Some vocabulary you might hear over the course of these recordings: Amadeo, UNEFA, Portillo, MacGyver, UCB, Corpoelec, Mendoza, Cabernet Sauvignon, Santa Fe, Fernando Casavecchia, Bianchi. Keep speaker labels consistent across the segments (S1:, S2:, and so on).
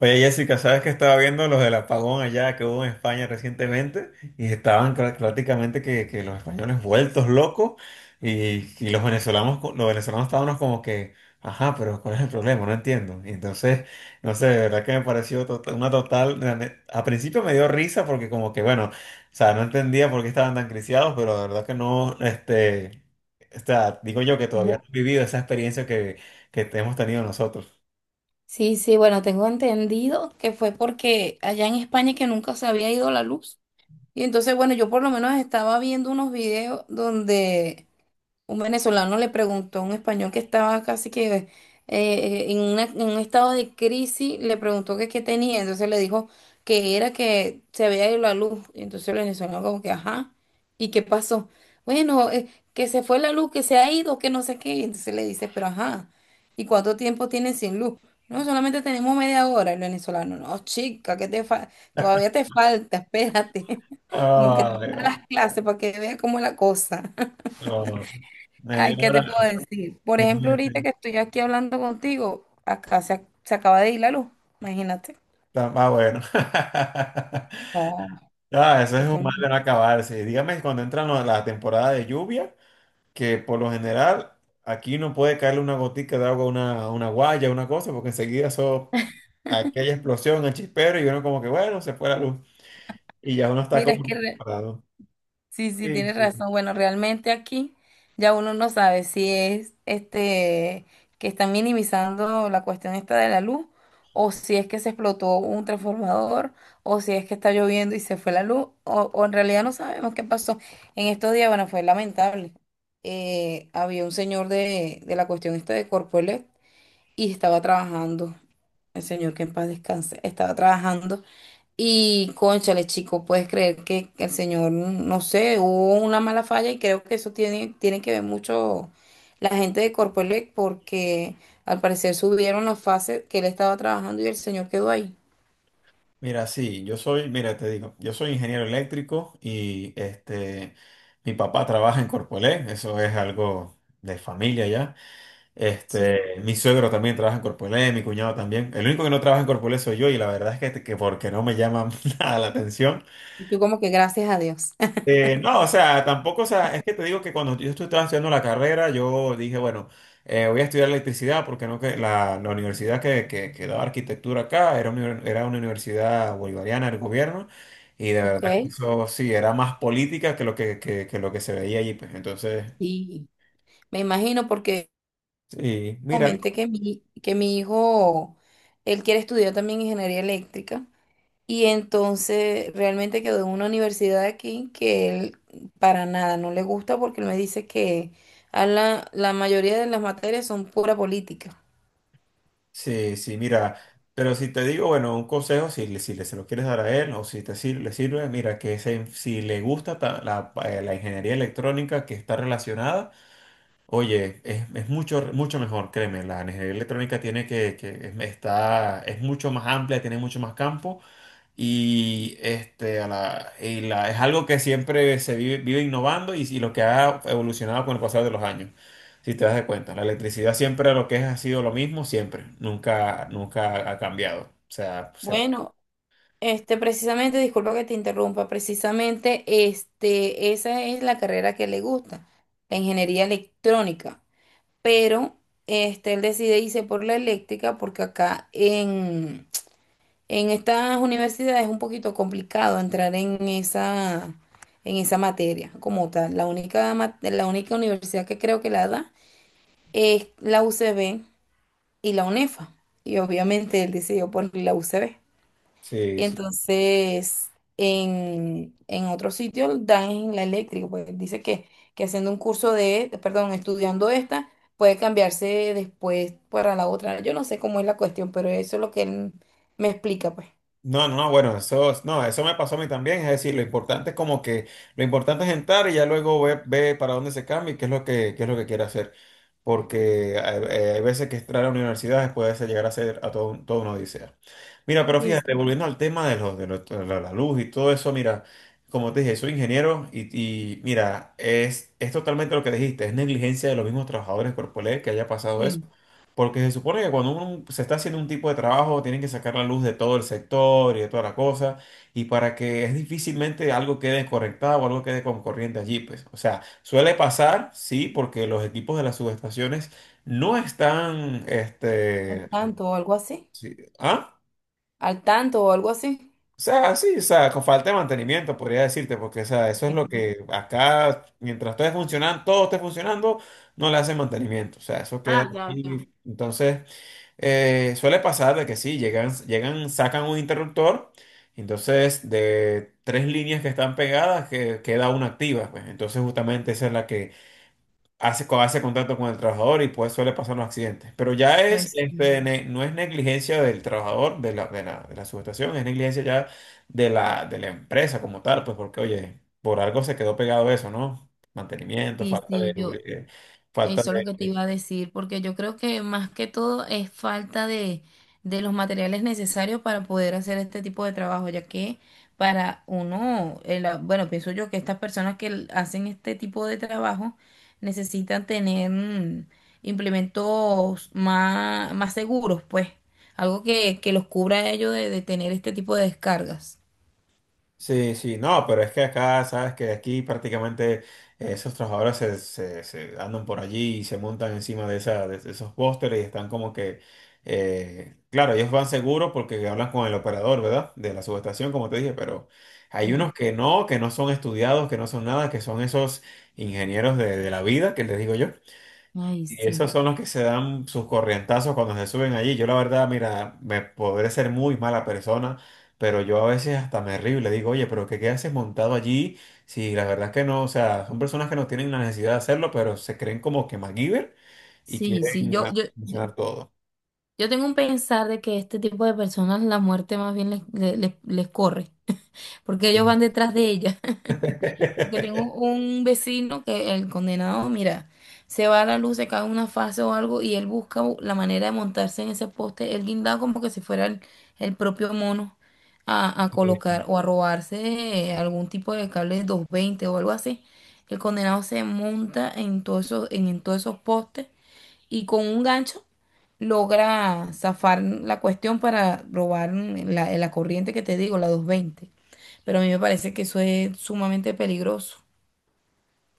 S1: Oye, Jessica, ¿sabes que estaba viendo los del apagón allá que hubo en España recientemente? Y estaban prácticamente que los españoles vueltos locos y los venezolanos, los venezolanos estábamos como que, ajá, pero ¿cuál es el problema? No entiendo. Y entonces, no sé, de verdad que me pareció una total, a principio me dio risa porque como que, bueno, o sea, no entendía por qué estaban tan criciados, pero de verdad que no, o sea, digo yo que todavía
S2: Bu-
S1: no he vivido esa experiencia que hemos tenido nosotros.
S2: Sí, sí, bueno, tengo entendido que fue porque allá en España que nunca se había ido la luz. Y entonces, bueno, yo por lo menos estaba viendo unos videos donde un venezolano le preguntó a un español que estaba casi que en un estado de crisis. Le preguntó que qué tenía, entonces le dijo que era que se había ido la luz, y entonces el venezolano como que, ajá, ¿y qué pasó? Bueno, que se fue la luz, que se ha ido, que no sé qué, y entonces le dice, pero ajá, ¿y cuánto tiempo tienen sin luz? No, solamente tenemos media hora. El venezolano, no, chica, que te todavía te falta, espérate, como que te da
S1: Ay.
S2: las clases para que veas cómo es la cosa.
S1: Oh, media
S2: Ay, ¿qué
S1: hora.
S2: te puedo decir? Por ejemplo, ahorita
S1: Imagínate.
S2: que estoy aquí hablando contigo, acá se acaba de ir la luz, imagínate.
S1: Está más bueno.
S2: No,
S1: Ah, eso es un
S2: esto no-
S1: mal de no acabarse. Dígame cuando entran la temporada de lluvia, que por lo general aquí no puede caerle una gotica de agua, a una guaya, una cosa, porque enseguida eso, aquella explosión, el chispero, y uno como que, bueno, se fue la luz. Y ya uno está
S2: Mira, es
S1: como
S2: que re-
S1: preparado.
S2: Sí, sí,
S1: Sí,
S2: tienes
S1: sí.
S2: razón. Bueno, realmente aquí ya uno no sabe si es este que están minimizando la cuestión esta de la luz, o si es que se explotó un transformador, o si es que está lloviendo y se fue la luz, o en realidad no sabemos qué pasó. En estos días, bueno, fue lamentable. Había un señor de la cuestión esta de Corpoelec y estaba trabajando, el señor que en paz descanse, estaba trabajando. Y, cónchale, chico, puedes creer que el señor, no sé, hubo una mala falla y creo que eso tiene, tiene que ver mucho la gente de Corpoelec porque al parecer subieron los fases que él estaba trabajando y el señor quedó ahí.
S1: Mira, sí, yo soy, mira, te digo, yo soy ingeniero eléctrico y mi papá trabaja en Corpoelec, eso es algo de familia ya.
S2: Sí,
S1: Mi suegro también trabaja en Corpoelec, mi cuñado también. El único que no trabaja en Corpoelec soy yo y la verdad es que porque no me llama nada la atención.
S2: y tú como que gracias a Dios.
S1: No, o sea, tampoco, o sea, es que te digo que cuando yo estaba estudiando la carrera, yo dije, bueno, voy a estudiar electricidad porque no que la universidad que daba arquitectura acá era una universidad bolivariana del gobierno y de verdad que
S2: Ok,
S1: eso sí, era más política que lo que lo que se veía allí, pues entonces,
S2: sí, me imagino porque
S1: sí, mira,
S2: comenté que que mi hijo él quiere estudiar también ingeniería eléctrica. Y entonces realmente quedó en una universidad de aquí que él para nada no le gusta, porque él me dice que a la mayoría de las materias son pura política.
S1: sí, sí, mira, pero si te digo, bueno, un consejo, si, si le, se lo quieres dar a él o si te le sirve, mira, que si le gusta la, la ingeniería electrónica que está relacionada. Oye, es mucho, mucho mejor, créeme, la ingeniería electrónica tiene que es, está, es mucho más amplia, tiene mucho más campo y, a la, y es algo que siempre se vive, vive innovando y lo que ha evolucionado con el pasar de los años, si te das de cuenta. La electricidad siempre lo que es ha sido lo mismo, siempre, nunca, nunca ha cambiado. O sea, se-
S2: Bueno, este, precisamente, disculpa que te interrumpa, precisamente este, esa es la carrera que le gusta, la ingeniería electrónica. Pero este, él decide irse por la eléctrica porque acá en estas universidades es un poquito complicado entrar en esa materia como tal. La única, la única universidad que creo que la da es la UCB y la UNEFA. Y obviamente él decidió por la UCB.
S1: sí,
S2: Y
S1: sí.
S2: entonces, en otro sitio dan en la eléctrica. Pues dice que haciendo un curso de, perdón, estudiando esta, puede cambiarse después para la otra. Yo no sé cómo es la cuestión, pero eso es lo que él me explica, pues.
S1: No, no, no, bueno, eso, no, eso me pasó a mí también, es decir, lo importante es como que, lo importante es entrar y ya luego ve, ve para dónde se cambia y qué es lo que, qué es lo que quiere hacer porque hay, hay veces que entrar a universidades puede llegar a ser a todo, toda una odisea. Mira, pero
S2: Sí, sí.
S1: fíjate, volviendo al tema de, los de, de la luz y todo eso, mira, como te dije, soy ingeniero y mira, es totalmente lo que dijiste, es negligencia de los mismos trabajadores corporales que haya pasado eso.
S2: Sí,
S1: Porque se supone que cuando uno se está haciendo un tipo de trabajo, tienen que sacar la luz de todo el sector y de toda la cosa y para que es difícilmente algo quede conectado o algo quede con corriente allí, pues. O sea, suele pasar, sí, porque los equipos de las subestaciones no están,
S2: al tanto o algo así.
S1: ah,
S2: Al tanto o algo así.
S1: o sea, sí, o sea, con falta de mantenimiento, podría decirte, porque, o sea,
S2: Ok,
S1: eso es lo
S2: ok.
S1: que acá, mientras todo esté funcionando, no le hacen mantenimiento, o sea, eso queda
S2: Ah, ya, ya.
S1: allí, entonces. Suele pasar de que sí, llegan, llegan, sacan un interruptor, entonces de tres líneas que están pegadas que, queda una activa, pues entonces justamente esa es la que hace, hace contacto con el trabajador y pues suele pasar los accidentes. Pero ya es,
S2: Pues sí,
S1: no es negligencia del trabajador, de la, de la, de la subestación, es negligencia ya de la empresa como tal, pues porque oye, por algo se quedó pegado eso, ¿no? Mantenimiento,
S2: sí,
S1: falta
S2: sí,
S1: de,
S2: yo,
S1: falta
S2: eso es lo que te iba
S1: de.
S2: a decir, porque yo creo que más que todo es falta de los materiales necesarios para poder hacer este tipo de trabajo, ya que para uno, bueno, pienso yo que estas personas que hacen este tipo de trabajo necesitan tener implementos más seguros, pues, algo que los cubra a ellos de tener este tipo de descargas.
S1: Sí, sí, no, pero es que acá, sabes que aquí prácticamente esos trabajadores se, se andan por allí y se montan encima de, esa, de esos pósteres y están como que, claro, ellos van seguros porque hablan con el operador, ¿verdad? De la subestación, como te dije, pero hay
S2: Sí.
S1: unos que no son estudiados, que no son nada, que son esos ingenieros de la vida, que les digo yo.
S2: Ay,
S1: Y esos
S2: sí,
S1: son los que se dan sus corrientazos cuando se suben allí. Yo la verdad, mira, me podré ser muy mala persona, pero yo a veces hasta me río y le digo, oye, pero ¿qué, qué haces montado allí? Si la verdad es que no, o sea, son personas que no tienen la necesidad de hacerlo, pero se creen como que MacGyver y
S2: sí, sí,
S1: quieren
S2: yo,
S1: ah,
S2: yo.
S1: solucionar todo.
S2: Yo tengo un pensar de que este tipo de personas la muerte más bien les corre, porque ellos van detrás de ella. Porque tengo un vecino que el condenado, mira, se va a la luz, se cae una fase o algo y él busca la manera de montarse en ese poste, él guindado como que si fuera el propio mono a
S1: Sí.
S2: colocar o a robarse algún tipo de cable 220 o algo así. El condenado se monta en todos esos, en todos esos postes y con un gancho logra zafar la cuestión para robar la corriente que te digo, la 220. Pero a mí me parece que eso es sumamente peligroso.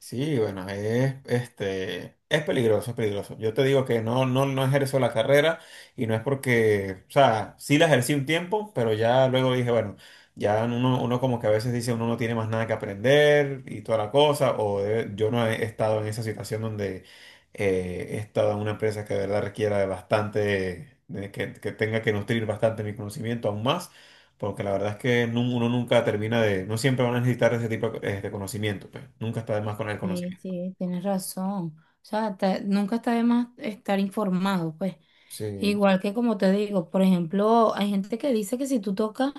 S1: Sí, bueno, es, es peligroso, es peligroso. Yo te digo que no, no, no ejerzo la carrera y no es porque, o sea, sí la ejercí un tiempo, pero ya luego dije, bueno, ya uno, uno como que a veces dice uno no tiene más nada que aprender y toda la cosa, o yo no he estado en esa situación donde he estado en una empresa que de verdad requiera de bastante, de que tenga que nutrir bastante mi conocimiento aún más. Porque la verdad es que uno nunca termina de, no siempre van a necesitar ese tipo de conocimiento, pues. Nunca está de más con el
S2: Sí,
S1: conocimiento.
S2: sí, tienes razón. O sea, nunca está de más estar informado, pues.
S1: Sí.
S2: Igual que como te digo, por ejemplo, hay gente que dice que si tú tocas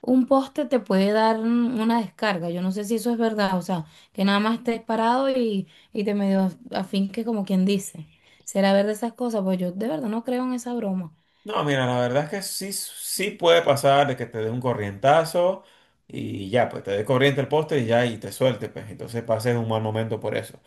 S2: un poste te puede dar una descarga. Yo no sé si eso es verdad, o sea, que nada más estés parado y te medio afinques como quien dice. ¿Será verdad esas cosas? Pues yo de verdad no creo en esa broma.
S1: No, mira, la verdad es que sí, sí puede pasar de que te dé un corrientazo y ya, pues te dé corriente el poste y ya, y te suelte, pues. Entonces pases un mal momento por eso.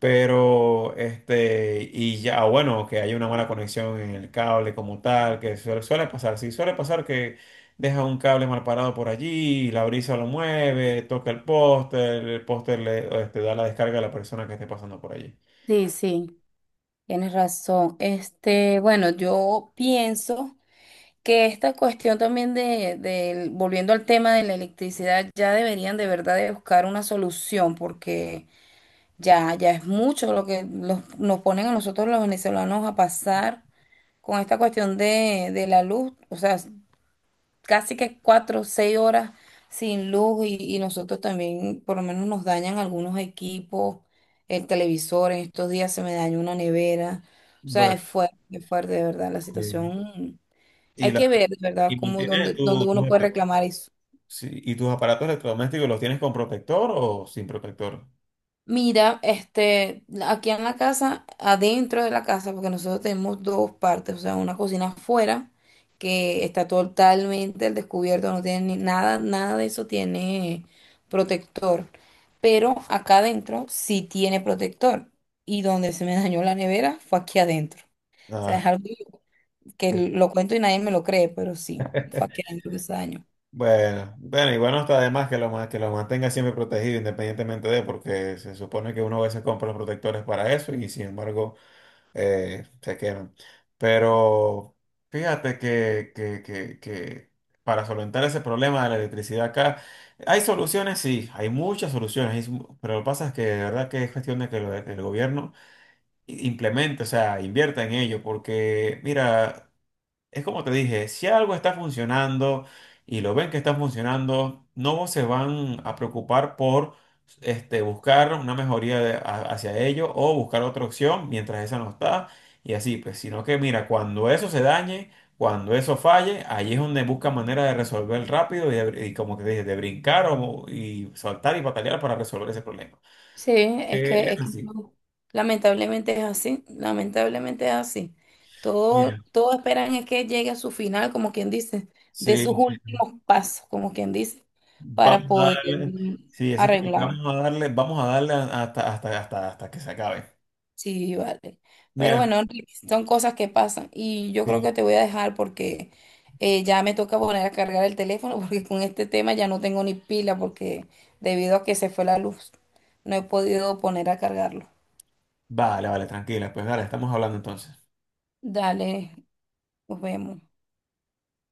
S1: Pero, y ya, bueno, que haya una mala conexión en el cable como tal, que suele, suele pasar, sí, suele pasar que deja un cable mal parado por allí, la brisa lo mueve, toca el póster da la descarga a la persona que esté pasando por allí.
S2: Sí, sí, tienes razón. Este, bueno, yo pienso que esta cuestión también de, volviendo al tema de la electricidad, ya deberían de verdad de buscar una solución, porque ya, ya es mucho lo que nos ponen a nosotros los venezolanos a pasar con esta cuestión de la luz, o sea, casi que cuatro, seis horas sin luz y nosotros también, por lo menos nos dañan algunos equipos, el televisor. En estos días se me dañó una nevera, o sea,
S1: Bueno,
S2: es fuerte, de verdad, la
S1: sí.
S2: situación.
S1: Y,
S2: Hay
S1: la,
S2: que ver, de verdad,
S1: y
S2: cómo,
S1: mantiene
S2: dónde, dónde
S1: tus
S2: uno puede reclamar eso.
S1: sí, y tus aparatos electrodomésticos, ¿los tienes con protector o sin protector?
S2: Mira, este, aquí en la casa, adentro de la casa, porque nosotros tenemos dos partes, o sea, una cocina afuera que está totalmente al descubierto, no tiene nada, nada de eso tiene protector, pero acá adentro sí tiene protector, y donde se me dañó la nevera fue aquí adentro. O sea,
S1: Ah.
S2: es algo que lo cuento y nadie me lo cree, pero sí, fue aquí adentro que se dañó.
S1: Bueno, bueno, igual no está de más que lo, que lo mantenga siempre protegido independientemente de, porque se supone que uno a veces compra los protectores para eso y sin embargo se queman. Pero fíjate que para solventar ese problema de la electricidad acá, hay soluciones, sí, hay muchas soluciones, hay mu- pero lo que pasa es que de verdad que es cuestión de que el gobierno implemente, o sea, invierta en ello, porque mira... Es como te dije, si algo está funcionando y lo ven que está funcionando, no se van a preocupar por buscar una mejoría hacia ello o buscar otra opción mientras esa no está y así, pues, sino que mira, cuando eso se dañe, cuando eso falle, ahí es donde busca manera de resolver rápido y, y como te dije, de brincar o, y saltar y batallar para resolver ese problema.
S2: Sí,
S1: Es
S2: es que
S1: así.
S2: no, lamentablemente es así, lamentablemente es así.
S1: Mira.
S2: Todo, todo esperan es que llegue a su final, como quien dice, de
S1: Sí.
S2: sus últimos pasos, como quien dice, para
S1: Vamos a
S2: poder
S1: darle, sí, ese es como que
S2: arreglar.
S1: vamos a darle hasta, hasta, hasta, hasta que se acabe.
S2: Sí, vale. Pero
S1: Mira,
S2: bueno, Enrique, son cosas que pasan y yo creo
S1: sí,
S2: que te voy a dejar porque ya me toca poner a cargar el teléfono porque con este tema ya no tengo ni pila, porque debido a que se fue la luz, no he podido poner a cargarlo.
S1: vale, vale, tranquila, pues dale, estamos hablando entonces.
S2: Dale, nos vemos.